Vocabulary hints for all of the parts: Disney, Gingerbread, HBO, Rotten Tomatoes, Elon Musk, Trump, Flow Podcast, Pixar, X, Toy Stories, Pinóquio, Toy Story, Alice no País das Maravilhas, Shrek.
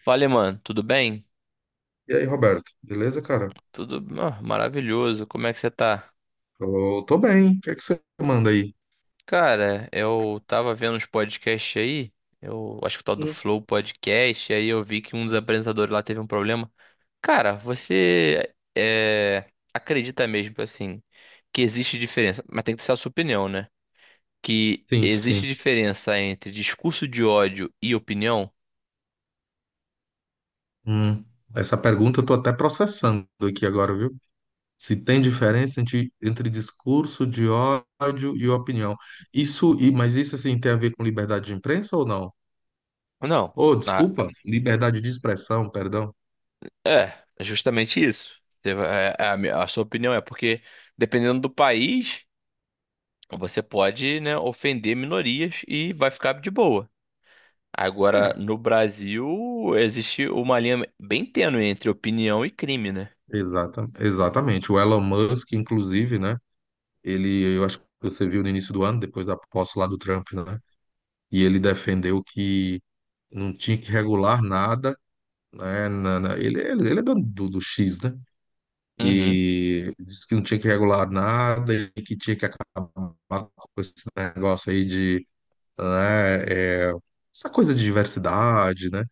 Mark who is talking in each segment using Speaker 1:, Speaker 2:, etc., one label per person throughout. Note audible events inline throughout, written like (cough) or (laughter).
Speaker 1: Fala, mano, tudo bem?
Speaker 2: E aí, Roberto, beleza, cara?
Speaker 1: Tudo maravilhoso. Como é que você tá?
Speaker 2: Eu tô bem. O que é que você manda aí?
Speaker 1: Cara, eu tava vendo uns podcasts aí, eu acho que o tal do
Speaker 2: Hum.
Speaker 1: Flow Podcast, e aí eu vi que um dos apresentadores lá teve um problema. Cara, acredita mesmo, assim, que existe diferença, mas tem que ser a sua opinião, né? Que
Speaker 2: Sim, sim.
Speaker 1: existe diferença entre discurso de ódio e opinião?
Speaker 2: Hum. Essa pergunta eu tô até processando aqui agora, viu? Se tem diferença entre discurso de ódio e opinião. Isso, e, mas isso assim tem a ver com liberdade de imprensa ou não?
Speaker 1: Não.
Speaker 2: Ou,
Speaker 1: Na-
Speaker 2: desculpa, liberdade de expressão, perdão.
Speaker 1: é, é justamente isso. A, a sua opinião é porque, dependendo do país. Você pode, né, ofender minorias e vai ficar de boa. Agora,
Speaker 2: É,
Speaker 1: no Brasil, existe uma linha bem tênue entre opinião e crime, né?
Speaker 2: exatamente. O Elon Musk, inclusive, né? Eu acho que você viu no início do ano, depois da posse lá do Trump, né? E ele defendeu que não tinha que regular nada, né? Ele é dono do X, né?
Speaker 1: Uhum.
Speaker 2: E ele disse que não tinha que regular nada e que tinha que acabar com esse negócio aí de, né, é, essa coisa de diversidade, né?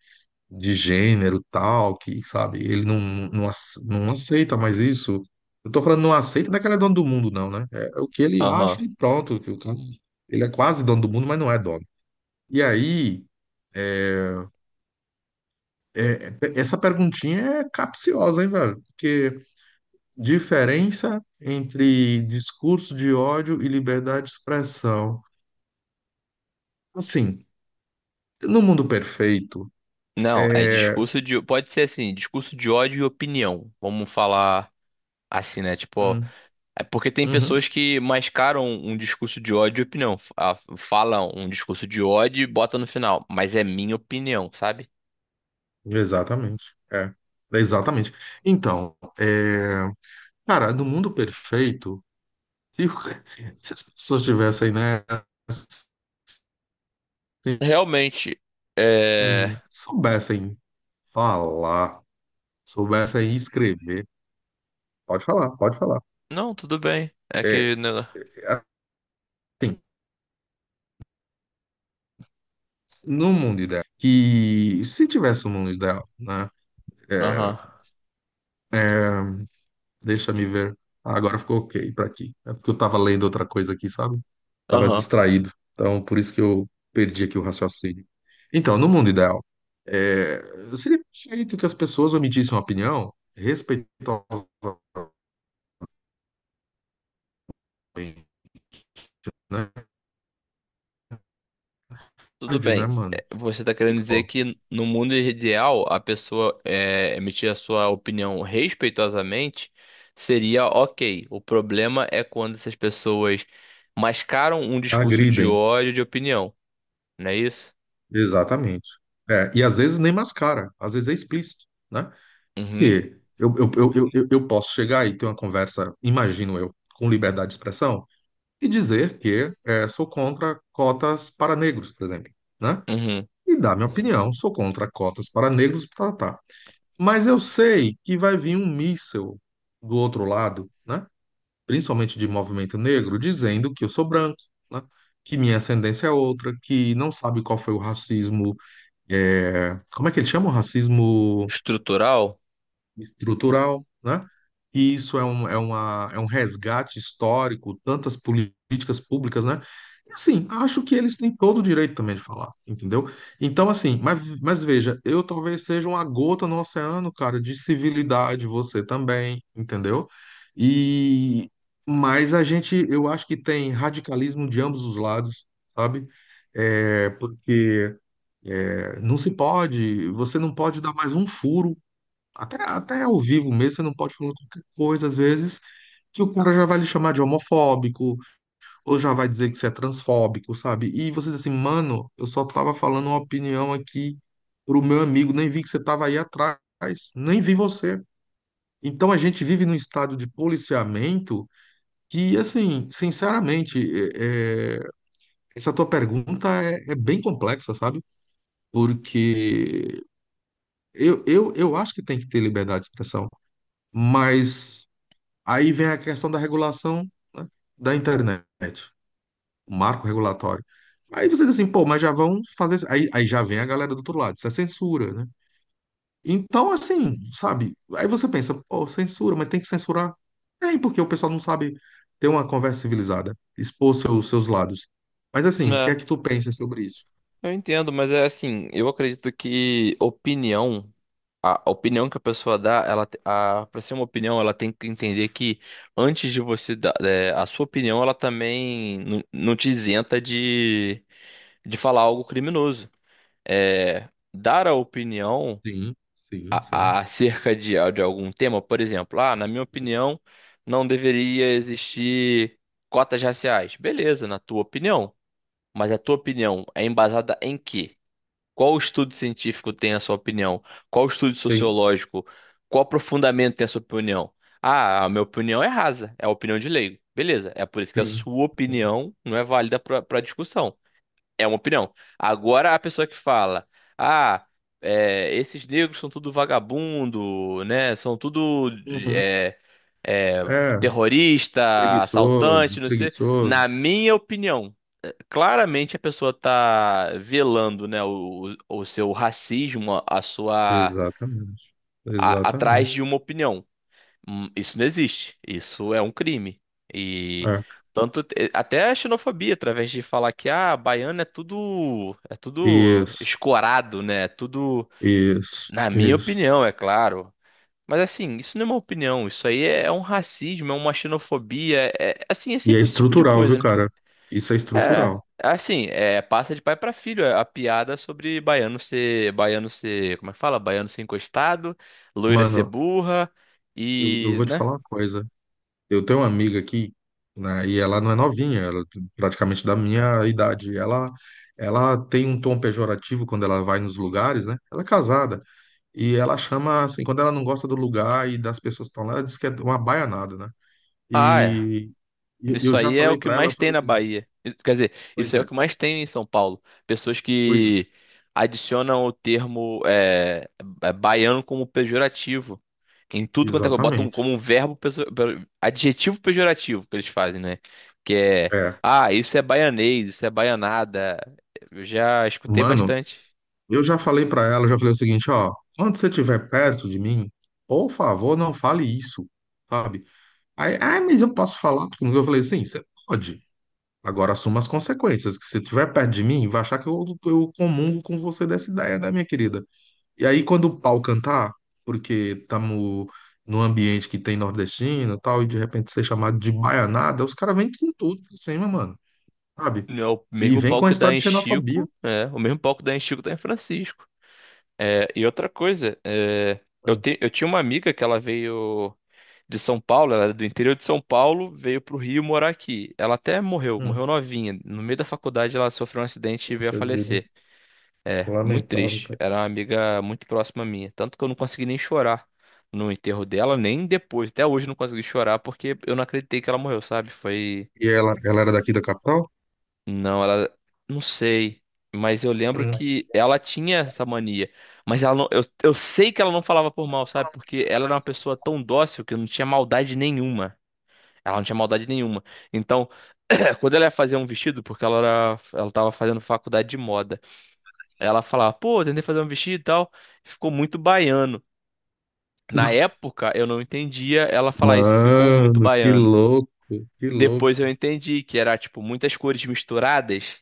Speaker 2: De gênero e tal, que, sabe, ele não aceita mais isso. Eu tô falando não aceita, não é que ele é dono do mundo, não, né? É o que ele
Speaker 1: Aham.
Speaker 2: acha e pronto. Ele é quase dono do mundo, mas não é dono. E aí. É, essa perguntinha é capciosa, hein, velho? Porque diferença entre discurso de ódio e liberdade de expressão. Assim, no mundo perfeito,
Speaker 1: Não, é
Speaker 2: é.
Speaker 1: discurso de. Pode ser assim, discurso de ódio e opinião. Vamos falar assim, né? Tipo, ó,
Speaker 2: Hum,
Speaker 1: é porque tem
Speaker 2: uhum,
Speaker 1: pessoas que mascaram um discurso de ódio e opinião. Falam um discurso de ódio e bota no final. Mas é minha opinião, sabe?
Speaker 2: exatamente. É, exatamente. Então, cara, no mundo perfeito, se, (laughs) se as pessoas tivessem, né, assim,
Speaker 1: Realmente, é.
Speaker 2: soubessem falar, soubessem escrever, pode falar, pode falar.
Speaker 1: Não, tudo bem. É
Speaker 2: é,
Speaker 1: que. Né,
Speaker 2: é, assim, no mundo ideal, que se tivesse um mundo ideal, né?
Speaker 1: Aham.
Speaker 2: é, Deixa-me ver. Ah, agora ficou ok para aqui. É porque eu tava lendo outra coisa aqui, sabe? Tava
Speaker 1: Aham,
Speaker 2: distraído. Então, por isso que eu perdi aqui o raciocínio. Então, no mundo ideal, é, seria perfeito que as pessoas emitissem uma opinião respeitosamente, né?
Speaker 1: tudo
Speaker 2: Tarde,
Speaker 1: bem.
Speaker 2: né, mano?
Speaker 1: É, você está
Speaker 2: E,
Speaker 1: querendo dizer que no mundo ideal a pessoa emitir a sua opinião respeitosamente seria ok. O problema é quando essas pessoas mascaram um discurso de
Speaker 2: Agridem,
Speaker 1: ódio de opinião, não é isso?
Speaker 2: exatamente. É, e às vezes nem mascara, às vezes é explícito, né?
Speaker 1: Uhum,
Speaker 2: E eu posso chegar e ter uma conversa, imagino eu, com liberdade de expressão e dizer que sou contra cotas para negros, por exemplo, né?
Speaker 1: uhum.
Speaker 2: E dar minha opinião, sou contra cotas para negros, tá, tá. tá. Mas eu sei que vai vir um míssil do outro lado, né? Principalmente de movimento negro, dizendo que eu sou branco, né? Que minha ascendência é outra, que não sabe qual foi o racismo, como é que ele chama o racismo?
Speaker 1: Estrutural?
Speaker 2: Estrutural, né? E isso é um resgate histórico, tantas políticas públicas, né? E assim, acho que eles têm todo o direito também de falar, entendeu? Então, assim, mas veja, eu talvez seja uma gota no oceano, cara, de civilidade, você também, entendeu? E mas a gente, eu acho que tem radicalismo de ambos os lados, sabe? É, porque não se pode, você não pode dar mais um furo até ao vivo mesmo, você não pode falar qualquer coisa, às vezes, que o cara já vai lhe chamar de homofóbico, ou já vai dizer que você é transfóbico, sabe? E você diz assim, mano, eu só tava falando uma opinião aqui pro meu amigo, nem vi que você tava aí atrás, nem vi você. Então a gente vive num estado de policiamento que, assim, sinceramente, é- é- essa tua pergunta é bem complexa, sabe? Porque eu acho que tem que ter liberdade de expressão, mas. Aí vem a questão da regulação, né, da internet, o marco regulatório. Aí você diz assim, pô, mas já vão fazer isso. Aí já vem a galera do outro lado, isso é censura, né? Então, assim, sabe? Aí você pensa, pô, censura, mas tem que censurar. É, porque o pessoal não sabe ter uma conversa civilizada, expor seus lados. Mas assim, o que é
Speaker 1: É,
Speaker 2: que tu pensa sobre isso?
Speaker 1: eu entendo, mas é assim, eu acredito que opinião. a opinião que a pessoa dá, ela a para ser uma opinião, ela tem que entender que antes de você dar a sua opinião, ela também não te isenta de falar algo criminoso. É, dar a opinião
Speaker 2: Sim, sim, sim.
Speaker 1: acerca de algum tema, por exemplo, ah, na minha opinião, não deveria existir cotas raciais. Beleza, na tua opinião. Mas a tua opinião é embasada em quê? Qual estudo científico tem a sua opinião? Qual estudo
Speaker 2: Sim,
Speaker 1: sociológico? Qual aprofundamento tem a sua opinião? Ah, a minha opinião é rasa, é a opinião de leigo. Beleza, é por isso que a
Speaker 2: sim,
Speaker 1: sua
Speaker 2: sim.
Speaker 1: opinião não é válida para discussão. É uma opinião. Agora, a pessoa que fala, ah, é, esses negros são tudo vagabundo, né? São tudo
Speaker 2: Uhum.
Speaker 1: é, é,
Speaker 2: É,
Speaker 1: terrorista,
Speaker 2: preguiçoso,
Speaker 1: assaltante, não sei.
Speaker 2: preguiçoso.
Speaker 1: Na minha opinião, é, claramente a pessoa tá velando, né, o seu racismo, a sua
Speaker 2: Exatamente,
Speaker 1: atrás
Speaker 2: exatamente.
Speaker 1: de uma opinião. Isso não existe. Isso é um crime. E tanto eh, até a xenofobia, através de falar que ah, baiano é tudo
Speaker 2: Isso,
Speaker 1: escorado, né? É tudo,
Speaker 2: isso,
Speaker 1: na minha
Speaker 2: isso.
Speaker 1: opinião, é claro. Mas assim, isso não é uma opinião, isso aí é um racismo, é uma xenofobia, é, assim, é
Speaker 2: E é
Speaker 1: sempre esse tipo de
Speaker 2: estrutural, viu,
Speaker 1: coisa, né?
Speaker 2: cara? Isso é
Speaker 1: É,
Speaker 2: estrutural.
Speaker 1: assim, é passa de pai pra filho, a piada sobre baiano ser, como é que fala? Baiano ser encostado, loira ser
Speaker 2: Mano,
Speaker 1: burra
Speaker 2: eu
Speaker 1: e,
Speaker 2: vou te
Speaker 1: né?
Speaker 2: falar uma coisa. Eu tenho uma amiga aqui, né, e ela não é novinha, ela é praticamente da minha idade. Ela tem um tom pejorativo quando ela vai nos lugares, né? Ela é casada. E ela chama, assim, quando ela não gosta do lugar e das pessoas que estão lá, ela diz que é uma baianada, né?
Speaker 1: Ah, é.
Speaker 2: E e eu
Speaker 1: Isso
Speaker 2: já
Speaker 1: aí é o
Speaker 2: falei
Speaker 1: que
Speaker 2: pra ela, eu
Speaker 1: mais
Speaker 2: falei
Speaker 1: tem
Speaker 2: o
Speaker 1: na
Speaker 2: seguinte,
Speaker 1: Bahia. Quer dizer, isso
Speaker 2: pois
Speaker 1: aí é o
Speaker 2: é,
Speaker 1: que mais tem em São Paulo. Pessoas
Speaker 2: pois,
Speaker 1: que adicionam o termo é, baiano como pejorativo. Em tudo quanto é coisa. Botam
Speaker 2: exatamente.
Speaker 1: como um verbo, adjetivo pejorativo que eles fazem, né? Que é,
Speaker 2: É.
Speaker 1: ah, isso é baianês, isso é baianada. Eu já escutei
Speaker 2: Mano,
Speaker 1: bastante.
Speaker 2: eu já falei pra ela, já falei o seguinte, ó, quando você estiver perto de mim, por favor, não fale isso, sabe? Aí, ah, mas eu posso falar? Eu falei, sim, você pode. Agora assuma as consequências, que se estiver perto de mim, vai achar que eu comungo com você dessa ideia, né, minha querida? E aí, quando o pau cantar, porque estamos num ambiente que tem nordestino e tal, e de repente ser chamado de baianada, os caras vêm com tudo pra cima, mano, sabe?
Speaker 1: É o
Speaker 2: E
Speaker 1: mesmo
Speaker 2: vem
Speaker 1: pau
Speaker 2: com a
Speaker 1: que dá
Speaker 2: história
Speaker 1: em
Speaker 2: de xenofobia.
Speaker 1: Chico, é, o mesmo pau que dá em Chico dá em Francisco. É, e outra coisa, é,
Speaker 2: Hum,
Speaker 1: eu tinha uma amiga que ela veio. De São Paulo, ela era do interior de São Paulo, veio pro Rio morar aqui. Ela até morreu,
Speaker 2: hum.
Speaker 1: morreu novinha. No meio da faculdade ela sofreu um acidente e veio a
Speaker 2: Puxa vida,
Speaker 1: falecer. Muito
Speaker 2: lamentável,
Speaker 1: triste.
Speaker 2: cara.
Speaker 1: Era uma amiga muito próxima minha, tanto que eu não consegui nem chorar no enterro dela, nem depois. Até hoje eu não consegui chorar porque eu não acreditei que ela morreu, sabe?
Speaker 2: E ela era daqui da capital?
Speaker 1: Não, ela não sei. Mas eu lembro
Speaker 2: Hum.
Speaker 1: que ela tinha essa mania. Mas ela não... eu sei que ela não falava por mal, sabe? Porque ela era uma pessoa tão dócil que não tinha maldade nenhuma. Ela não tinha maldade nenhuma. Então, (clears throat) quando ela ia fazer um vestido, porque ela tava fazendo faculdade de moda, ela falava, pô, eu tentei fazer um vestido e tal, ficou muito baiano. Na época, eu não entendia ela falar isso, ficou muito
Speaker 2: Mano, que
Speaker 1: baiano.
Speaker 2: louco, que louco.
Speaker 1: Depois eu entendi que era, tipo, muitas cores misturadas,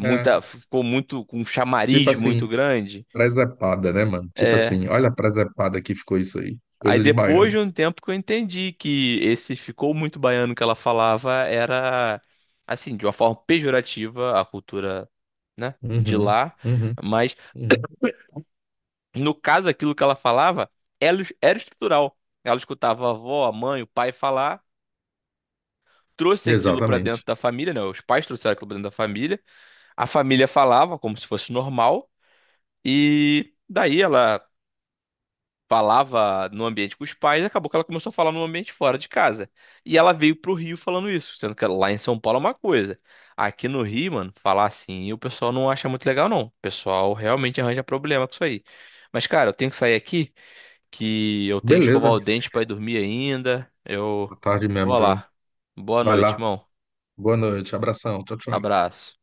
Speaker 2: É,
Speaker 1: ficou muito, com um
Speaker 2: tipo
Speaker 1: chamariz
Speaker 2: assim,
Speaker 1: muito grande.
Speaker 2: presepada, né, mano? Tipo
Speaker 1: É,
Speaker 2: assim, olha a presepada que ficou isso aí.
Speaker 1: aí
Speaker 2: Coisa de
Speaker 1: depois
Speaker 2: baiano.
Speaker 1: de um tempo que eu entendi que esse ficou muito baiano que ela falava era assim, de uma forma pejorativa a cultura, né, de
Speaker 2: Uhum,
Speaker 1: lá,
Speaker 2: uhum,
Speaker 1: mas
Speaker 2: uhum.
Speaker 1: no caso aquilo que ela falava era estrutural. Ela escutava a avó, a mãe, o pai falar, trouxe aquilo pra dentro
Speaker 2: Exatamente.
Speaker 1: da família, né? Os pais trouxeram aquilo pra dentro da família, a família falava como se fosse normal e daí ela falava no ambiente com os pais, acabou que ela começou a falar no ambiente fora de casa. E ela veio pro Rio falando isso, sendo que lá em São Paulo é uma coisa. Aqui no Rio, mano, falar assim, o pessoal não acha muito legal, não. O pessoal realmente arranja problema com isso aí. Mas, cara, eu tenho que sair aqui, que eu tenho que escovar
Speaker 2: Beleza.
Speaker 1: o dente pra ir dormir ainda. Eu
Speaker 2: Boa tarde mesmo,
Speaker 1: vou
Speaker 2: viu?
Speaker 1: lá. Boa
Speaker 2: Vai
Speaker 1: noite,
Speaker 2: lá.
Speaker 1: irmão.
Speaker 2: Boa noite. Abração. Tchau, tchau.
Speaker 1: Abraço.